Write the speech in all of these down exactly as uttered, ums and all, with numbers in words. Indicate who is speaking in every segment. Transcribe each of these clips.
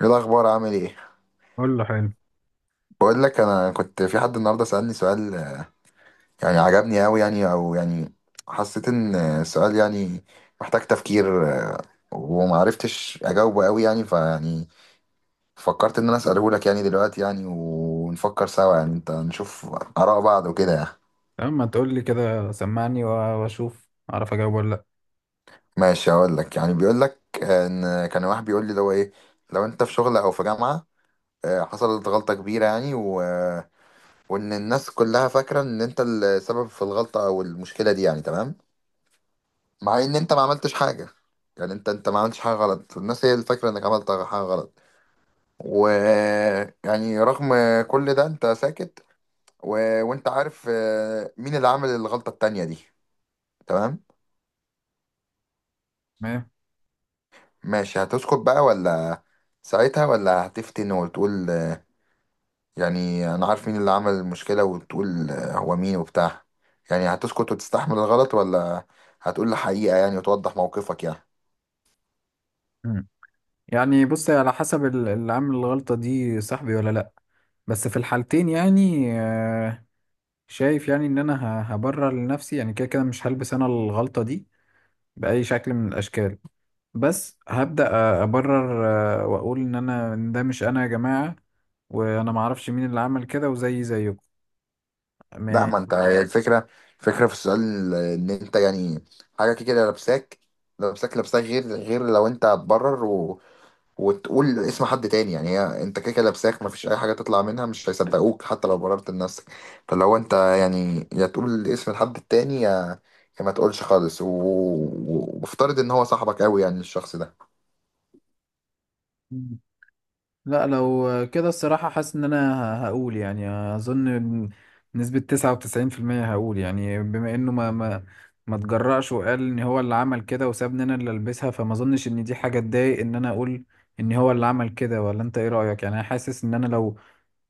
Speaker 1: ايه الاخبار؟ عامل ايه؟
Speaker 2: قول له حلو.
Speaker 1: بقول لك، انا كنت في حد النهارده سالني سؤال، آه، يعني عجبني قوي، يعني او يعني حسيت ان آه، السؤال يعني محتاج تفكير. آه، وما عرفتش اجاوبه قوي يعني، فيعني فكرت ان انا اساله لك يعني دلوقتي، يعني ونفكر سوا، يعني انت نشوف اراء بعض وكده يعني.
Speaker 2: تمام، ما تقول لي كده، سمعني و- واشوف اعرف اجاوب ولا لا.
Speaker 1: ماشي، هقول لك. يعني بيقول لك آه، ان كان واحد بيقول لي اللي هو ايه: لو انت في شغل او في جامعه، آه، حصلت غلطه كبيره يعني، وان الناس كلها فاكره ان انت السبب في الغلطه او المشكله دي يعني، تمام؟ مع ان انت ما عملتش حاجه، يعني انت انت ما عملتش حاجه غلط، الناس هي اللي فاكره انك عملت حاجه غلط، و يعني رغم كل ده انت ساكت، و... وانت عارف آه، مين اللي عمل الغلطه التانية دي، تمام.
Speaker 2: تمام.
Speaker 1: ماشي، هتسكت بقى ولا ساعتها، ولا هتفتن وتقول يعني انا عارف مين اللي عمل المشكلة وتقول آه، هو مين وبتاع؟ يعني هتسكت وتستحمل الغلط، ولا هتقول الحقيقة يعني وتوضح موقفك يعني؟
Speaker 2: مم. يعني بص، على حسب ال- اللي عامل الغلطة دي صاحبي ولا لا. بس في الحالتين يعني آه، شايف يعني ان انا ه- هبرر لنفسي، يعني كده كده مش هلبس انا الغلطة دي بأي شكل من الاشكال. بس هبدأ أ- ابرر آه، واقول ان انا إن ده مش انا يا جماعة، وانا معرفش مين اللي عمل كده وزي زيكم.
Speaker 1: لا،
Speaker 2: ما-
Speaker 1: ما انت هي الفكرة. الفكرة في السؤال آه، ان انت يعني حاجة كده لابساك لابساك لابساك، غير غير لو انت هتبرر وتقول اسم حد تاني، يعني هي انت كده كده لابساك، مفيش اي حاجه تطلع منها، مش هيصدقوك حتى لو بررت لنفسك. فلو انت يعني، يا تقول اسم الحد التاني، يا يا ما تقولش خالص، و- و- وافترض ان هو صاحبك قوي يعني، الشخص ده.
Speaker 2: لا، لو كده الصراحة حاسس إن أنا هقول يعني أظن بنسبة تسعة وتسعين في المية. هقول يعني بما إنه ما ما ما تجرأش وقال إن هو اللي عمل كده وسابني أنا اللي ألبسها، فما أظنش إن دي حاجة تضايق إن أنا أقول إن هو اللي عمل كده. ولا أنت إيه رأيك؟ يعني أنا حاسس إن أنا لو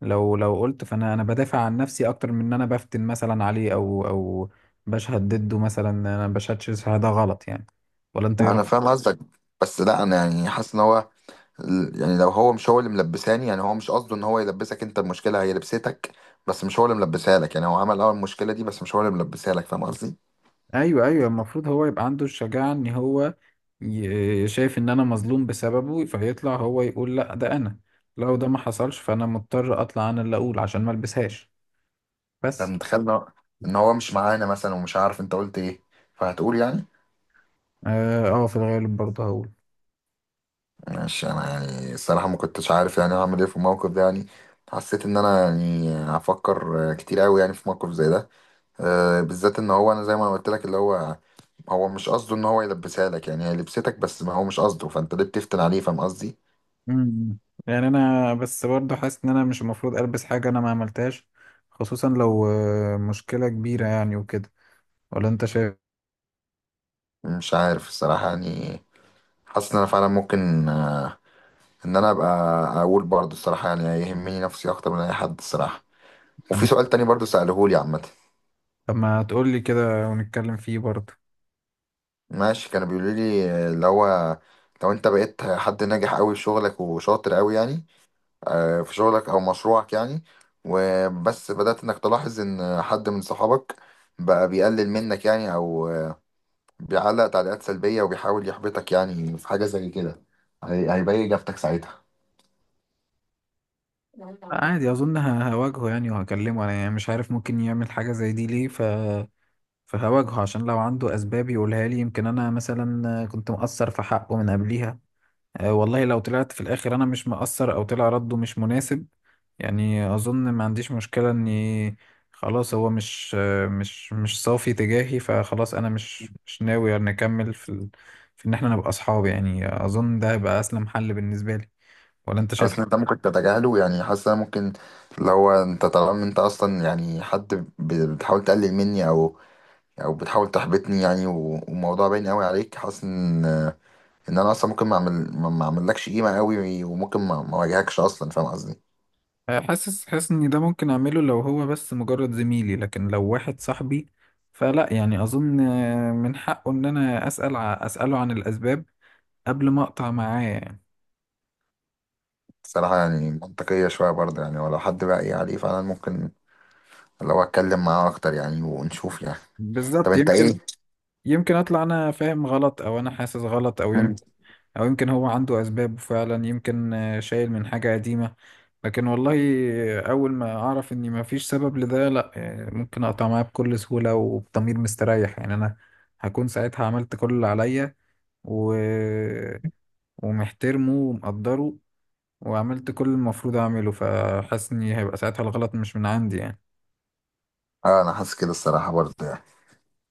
Speaker 2: لو لو قلت، فأنا أنا بدافع عن نفسي أكتر من إن أنا بفتن مثلا عليه، أو أو بشهد ضده، مثلا أنا بشهدش، ده غلط يعني. ولا أنت إيه؟
Speaker 1: انا فاهم قصدك، بس لا، انا يعني حاسس ان هو، ال- يعني لو هو مش هو اللي ملبساني، يعني هو مش قصده ان هو يلبسك انت، المشكله هي لبستك، بس مش هو اللي ملبسها لك. يعني هو عمل اول المشكله دي، بس مش هو اللي ملبسها لك. فاهم قصدي؟
Speaker 2: ايوه ايوه، المفروض هو يبقى عنده الشجاعة ان هو ي- شايف ان انا مظلوم بسببه، فيطلع هو يقول لا ده انا. لو ده ما حصلش فانا مضطر اطلع انا اللي اقول عشان ما البسهاش،
Speaker 1: انت
Speaker 2: بس.
Speaker 1: متخيل ان هو إن هو مش معانا مثلا ومش عارف انت قلت ايه، فهتقول يعني؟
Speaker 2: اه آه، في الغالب برضه هقول.
Speaker 1: ماشي، انا يعني الصراحه ما كنتش عارف يعني هعمل ايه في الموقف ده يعني. حسيت ان انا يعني هفكر كتير قوي يعني في موقف زي ده. أه بالذات ان هو انا، زي ما قلت لك، اللي هو هو مش قصده ان هو يلبسها لك يعني، هي لبستك بس ما هو مش قصده، فانت ليه بتفتن عليه؟ فاهم قصدي؟
Speaker 2: مم. يعني انا بس برضه حاسس ان انا مش المفروض البس حاجة انا ما عملتهاش، خصوصا لو آه، مشكلة كبيرة يعني وكده. ولا انت شايف؟
Speaker 1: مش عارف الصراحه يعني. حاسس ان انا فعلا ممكن، أه ان انا ابقى اقول برضه الصراحه يعني، يهمني نفسي اكتر من اي حد، الصراحه. وفي
Speaker 2: انا
Speaker 1: سؤال تاني برضه سألهولي عامه.
Speaker 2: طب ما تقول لي كده ونتكلم فيه برضه.
Speaker 1: ماشي، كانوا بيقولوا لي آه، اللي هو: لو انت بقيت حد ناجح قوي في شغلك وشاطر قوي يعني، آه، في شغلك او مشروعك يعني، وبس بدأت انك تلاحظ ان حد من صحابك بقى بيقلل منك يعني، او آه، بيعلق تعليقات سلبية وبيحاول يحبطك يعني، في حاجة زي كده، هي- هيبين اجابتك ساعتها؟
Speaker 2: عادي، اظن ه- هواجهه يعني وهكلمه، انا يعني مش عارف ممكن يعمل حاجه زي دي ليه، ف فهواجهه عشان لو عنده اسباب يقولها لي، يمكن انا مثلا كنت مقصر في حقه من قبليها. أه والله، لو طلعت في الاخر انا مش مقصر او طلع رده مش مناسب، يعني اظن ما عنديش مشكله اني خلاص، هو مش مش مش صافي تجاهي، فخلاص انا مش مش ناوي نكمل في ال... في ان احنا نبقى اصحاب، يعني اظن ده هيبقى اسلم حل بالنسبه لي. ولا انت شايف؟
Speaker 1: حاسس ان انت ممكن تتجاهله يعني. حاسس ان أنا ممكن، لو انت طالما انت اصلا يعني حد ب- بتحاول تقلل مني او، او بتحاول تحبطني يعني، و- والموضوع باين قوي عليك، حاسس ان ان انا اصلا ممكن ما اعمل ما ما اعملكش قيمه قوي، وممكن ما ما اواجهكش اصلا. فاهم قصدي؟
Speaker 2: آه، حاسس حاسس ان ده ممكن اعمله لو هو بس مجرد زميلي، لكن لو واحد صاحبي فلا، يعني اظن من حقه ان انا اسال ع- اساله عن الاسباب قبل ما اقطع معاه يعني.
Speaker 1: الصراحه يعني منطقيه شويه برضه يعني، ولو حد بقى ايه عليه فعلا، ممكن لو اتكلم معاه اكتر يعني ونشوف يعني. طب
Speaker 2: بالظبط،
Speaker 1: انت
Speaker 2: يمكن
Speaker 1: ايه؟
Speaker 2: يمكن اطلع انا فاهم غلط، او انا حاسس غلط، او يمكن
Speaker 1: مم.
Speaker 2: او يمكن هو عنده اسباب فعلا، يمكن شايل من حاجة قديمة. لكن والله، اول ما اعرف اني ما فيش سبب لده لا، آه، ممكن اقطع معاه بكل سهولة وبضمير مستريح. يعني انا هكون ساعتها عملت كل اللي عليا و... ومحترمه ومقدره، وعملت كل المفروض اعمله، فحاسس ان هيبقى ساعتها الغلط مش من عندي يعني.
Speaker 1: اه، انا حاسس كده الصراحه برضه يعني.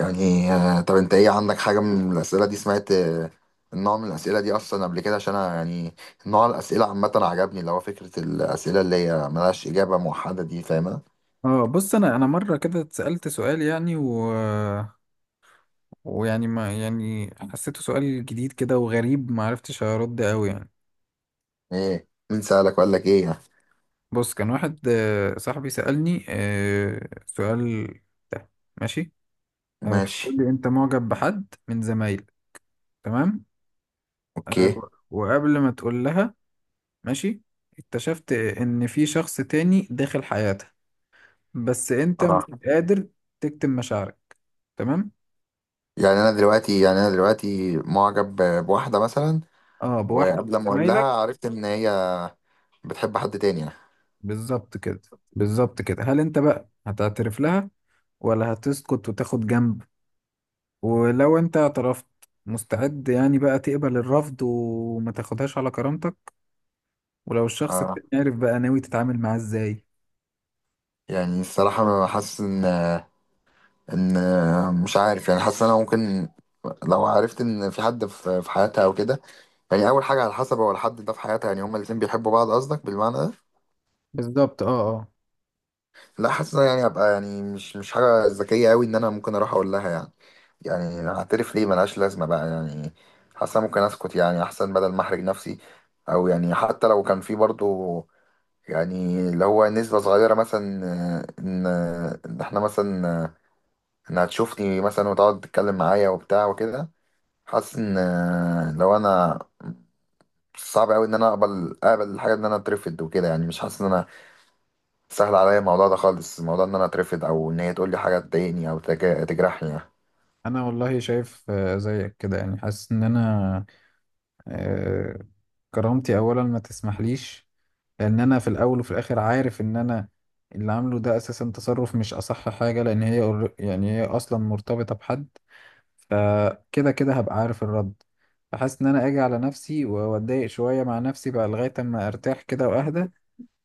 Speaker 1: يعني، آه، طب انت ايه، عندك حاجه من الاسئله دي؟ سمعت آه، النوع من الاسئله دي اصلا قبل كده؟ عشان أنا يعني نوع الاسئله عامه عجبني، اللي هو فكره الاسئله اللي هي ملهاش اجابه موحده دي، فاهم؟
Speaker 2: اه بص، انا انا مره كده اتسالت سؤال يعني و... ويعني ما يعني حسيته سؤال جديد كده وغريب، ما عرفتش ارد قوي يعني.
Speaker 1: ايه، مين سألك وقال لك ايه يعني؟
Speaker 2: بص، كان واحد آه، صاحبي سالني آه، سؤال، ده، ماشي. آه، بيقول
Speaker 1: ماشي،
Speaker 2: لي: انت معجب بحد من زمايلك، تمام. آه،
Speaker 1: اوكي.
Speaker 2: وقبل ما تقول لها، ماشي، اكتشفت ان في شخص تاني داخل حياتها، بس انت مش
Speaker 1: راح.
Speaker 2: قادر تكتم مشاعرك. تمام.
Speaker 1: يعني انا دلوقتي يعني انا دلوقتي معجب ب- بواحدة مثلا،
Speaker 2: اه، بواحد من
Speaker 1: وقبل ما اقول لها
Speaker 2: زمايلك.
Speaker 1: عرفت ان هي بتحب حد تاني يعني.
Speaker 2: بالظبط كده. بالظبط كده، هل انت بقى هتعترف لها ولا هتسكت وتاخد جنب؟ ولو انت اعترفت، مستعد يعني بقى تقبل الرفض وما تاخدهاش على كرامتك؟ ولو الشخص
Speaker 1: اه.
Speaker 2: التاني عارف، بقى ناوي تتعامل معاه ازاي؟
Speaker 1: يعني الصراحة انا حاسس ان، ان مش عارف يعني، حاسس ان انا ممكن، لو عرفت ان في حد في في حياتها او كده. يعني اول حاجة، على حسب، هو الحد ده في حياتها يعني، هما الاتنين بيحبوا بعض قصدك بالمعنى ده؟
Speaker 2: بالظبط، اه اه.
Speaker 1: لا، حاسس إن أنا يعني هبقى، يعني مش مش حاجة ذكية قوي ان انا ممكن اروح اقول لها يعني، يعني هعترف ليه ملهاش لازمة بقى يعني. حاسة ممكن أسكت يعني، أحسن بدل ما أحرج نفسي. أو يعني حتى لو كان في برضو يعني، اللي هو نسبة صغيرة مثلا، آه، إن إن إحنا مثلا، آه، إنها تشوفني مثلا وتقعد تتكلم معايا وبتاع وكده، حاسس إن، آه، لو أنا صعب أوي إن أنا أقبل أقبل الحاجة إن أنا أترفض وكده يعني. مش حاسس إن أنا سهل عليا الموضوع ده خالص، الموضوع إن أنا أترفض، أو إن هي تقول لي حاجة تضايقني أو تجا- تجرحني يعني.
Speaker 2: انا والله شايف آه، زيك كده، يعني حاسس ان انا آه، كرامتي اولا ما تسمحليش، لان انا في الاول وفي الاخر عارف ان انا اللي عامله ده اساسا تصرف مش اصح حاجه، لان هي قر- يعني هي اصلا مرتبطه بحد، فكده كده هبقى عارف الرد. فحاسس ان انا اجي على نفسي واتضايق شويه مع نفسي بقى لغايه اما ارتاح كده واهدى،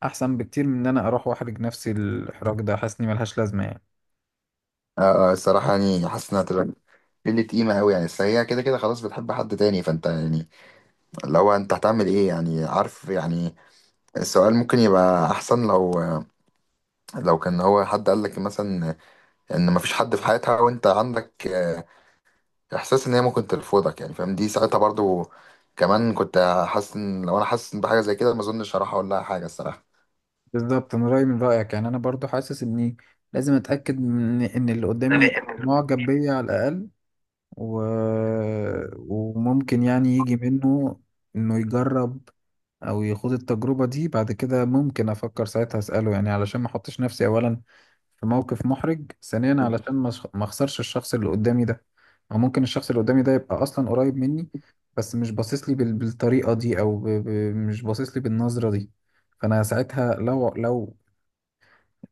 Speaker 2: احسن بكتير من ان انا اروح واحرج نفسي. الاحراج ده حاسس اني ملهاش لازمه يعني.
Speaker 1: اه اه، الصراحة يعني حاسس انها تبقى قلة قيمة أوي يعني. أصل هي كده كده خلاص بتحب حد تاني، فأنت يعني لو أنت هتعمل إيه يعني، عارف يعني. السؤال ممكن يبقى أحسن لو لو كان هو حد قال لك مثلا إن مفيش حد في حياتها وأنت عندك آه، إحساس إن هي ممكن ترفضك يعني، فاهم؟ دي ساعتها برضو كمان كنت حاسس إن لو أنا حاسس بحاجة زي كده، ما أظنش هروح أقول لها حاجة الصراحة.
Speaker 2: بالظبط، انا رايي من رايك، يعني انا برضو حاسس اني لازم اتاكد من ان اللي قدامي معجب بيا على الاقل و... وممكن يعني يجي منه انه يجرب او يخوض التجربة دي، بعد كده ممكن افكر ساعتها اسأله، يعني علشان ما احطش نفسي اولا في موقف محرج، ثانيا علشان ما أش- ما اخسرش الشخص اللي قدامي ده. او ممكن الشخص اللي قدامي ده يبقى اصلا قريب مني، بس مش باصص لي بال... بالطريقة دي، او ب... ب... مش باصص لي بالنظرة دي، فانا ساعتها لو لو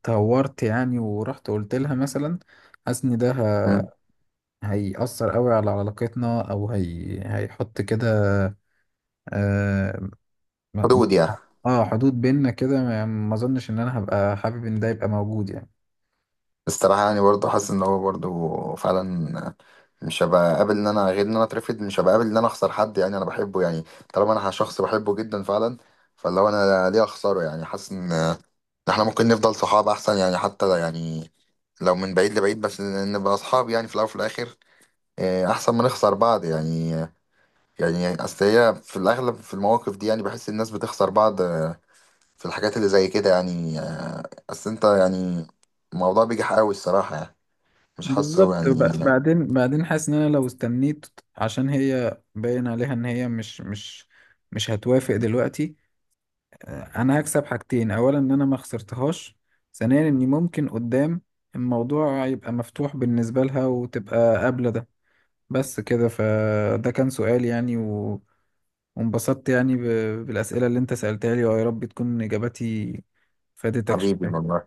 Speaker 2: تهورت يعني ورحت قلت لها مثلا، حاسس ان ده
Speaker 1: مم.
Speaker 2: هيأثر قوي على علاقتنا، او هي هيحط كده اه م-
Speaker 1: حدود يعني.
Speaker 2: آه، حدود بيننا كده، ما ما اظنش ان انا هبقى حابب ان ده يبقى موجود يعني.
Speaker 1: الصراحة يعني برضه حاسس ان هو برضه فعلا مش هبقى قابل ان انا غير ان انا اترفض، مش هبقى قابل ان انا اخسر حد يعني انا بحبه يعني. طالما انا شخص بحبه جدا فعلا، فاللي هو انا ليه اخسره يعني؟ حاسس ان احنا ممكن نفضل صحاب احسن يعني، حتى يعني لو من بعيد لبعيد بس نبقى اصحاب يعني. في الاول وفي الاخر، آه، احسن ما نخسر بعض يعني. يعني اصل هي في الاغلب في المواقف دي يعني، بحس الناس بتخسر بعض آه، في الحاجات اللي زي كده يعني، آه، اصل انت يعني الموضوع بيجي حقاوي الصراحة يعني، مش حاسه
Speaker 2: بالظبط،
Speaker 1: يعني.
Speaker 2: وب- بعدين بعدين حاسس ان انا لو استنيت، عشان هي باين عليها ان هي مش مش مش هتوافق دلوقتي، آه، انا هكسب حاجتين: اولا ان انا ما خسرتهاش، ثانيا اني ممكن قدام الموضوع يبقى مفتوح بالنسبة لها وتبقى قابلة ده. بس كده، فده كان سؤال يعني، وانبسطت يعني ب- بالأسئلة اللي انت سألتها لي، ويا رب تكون إجاباتي فادتك
Speaker 1: حبيبي
Speaker 2: شوية.
Speaker 1: والله.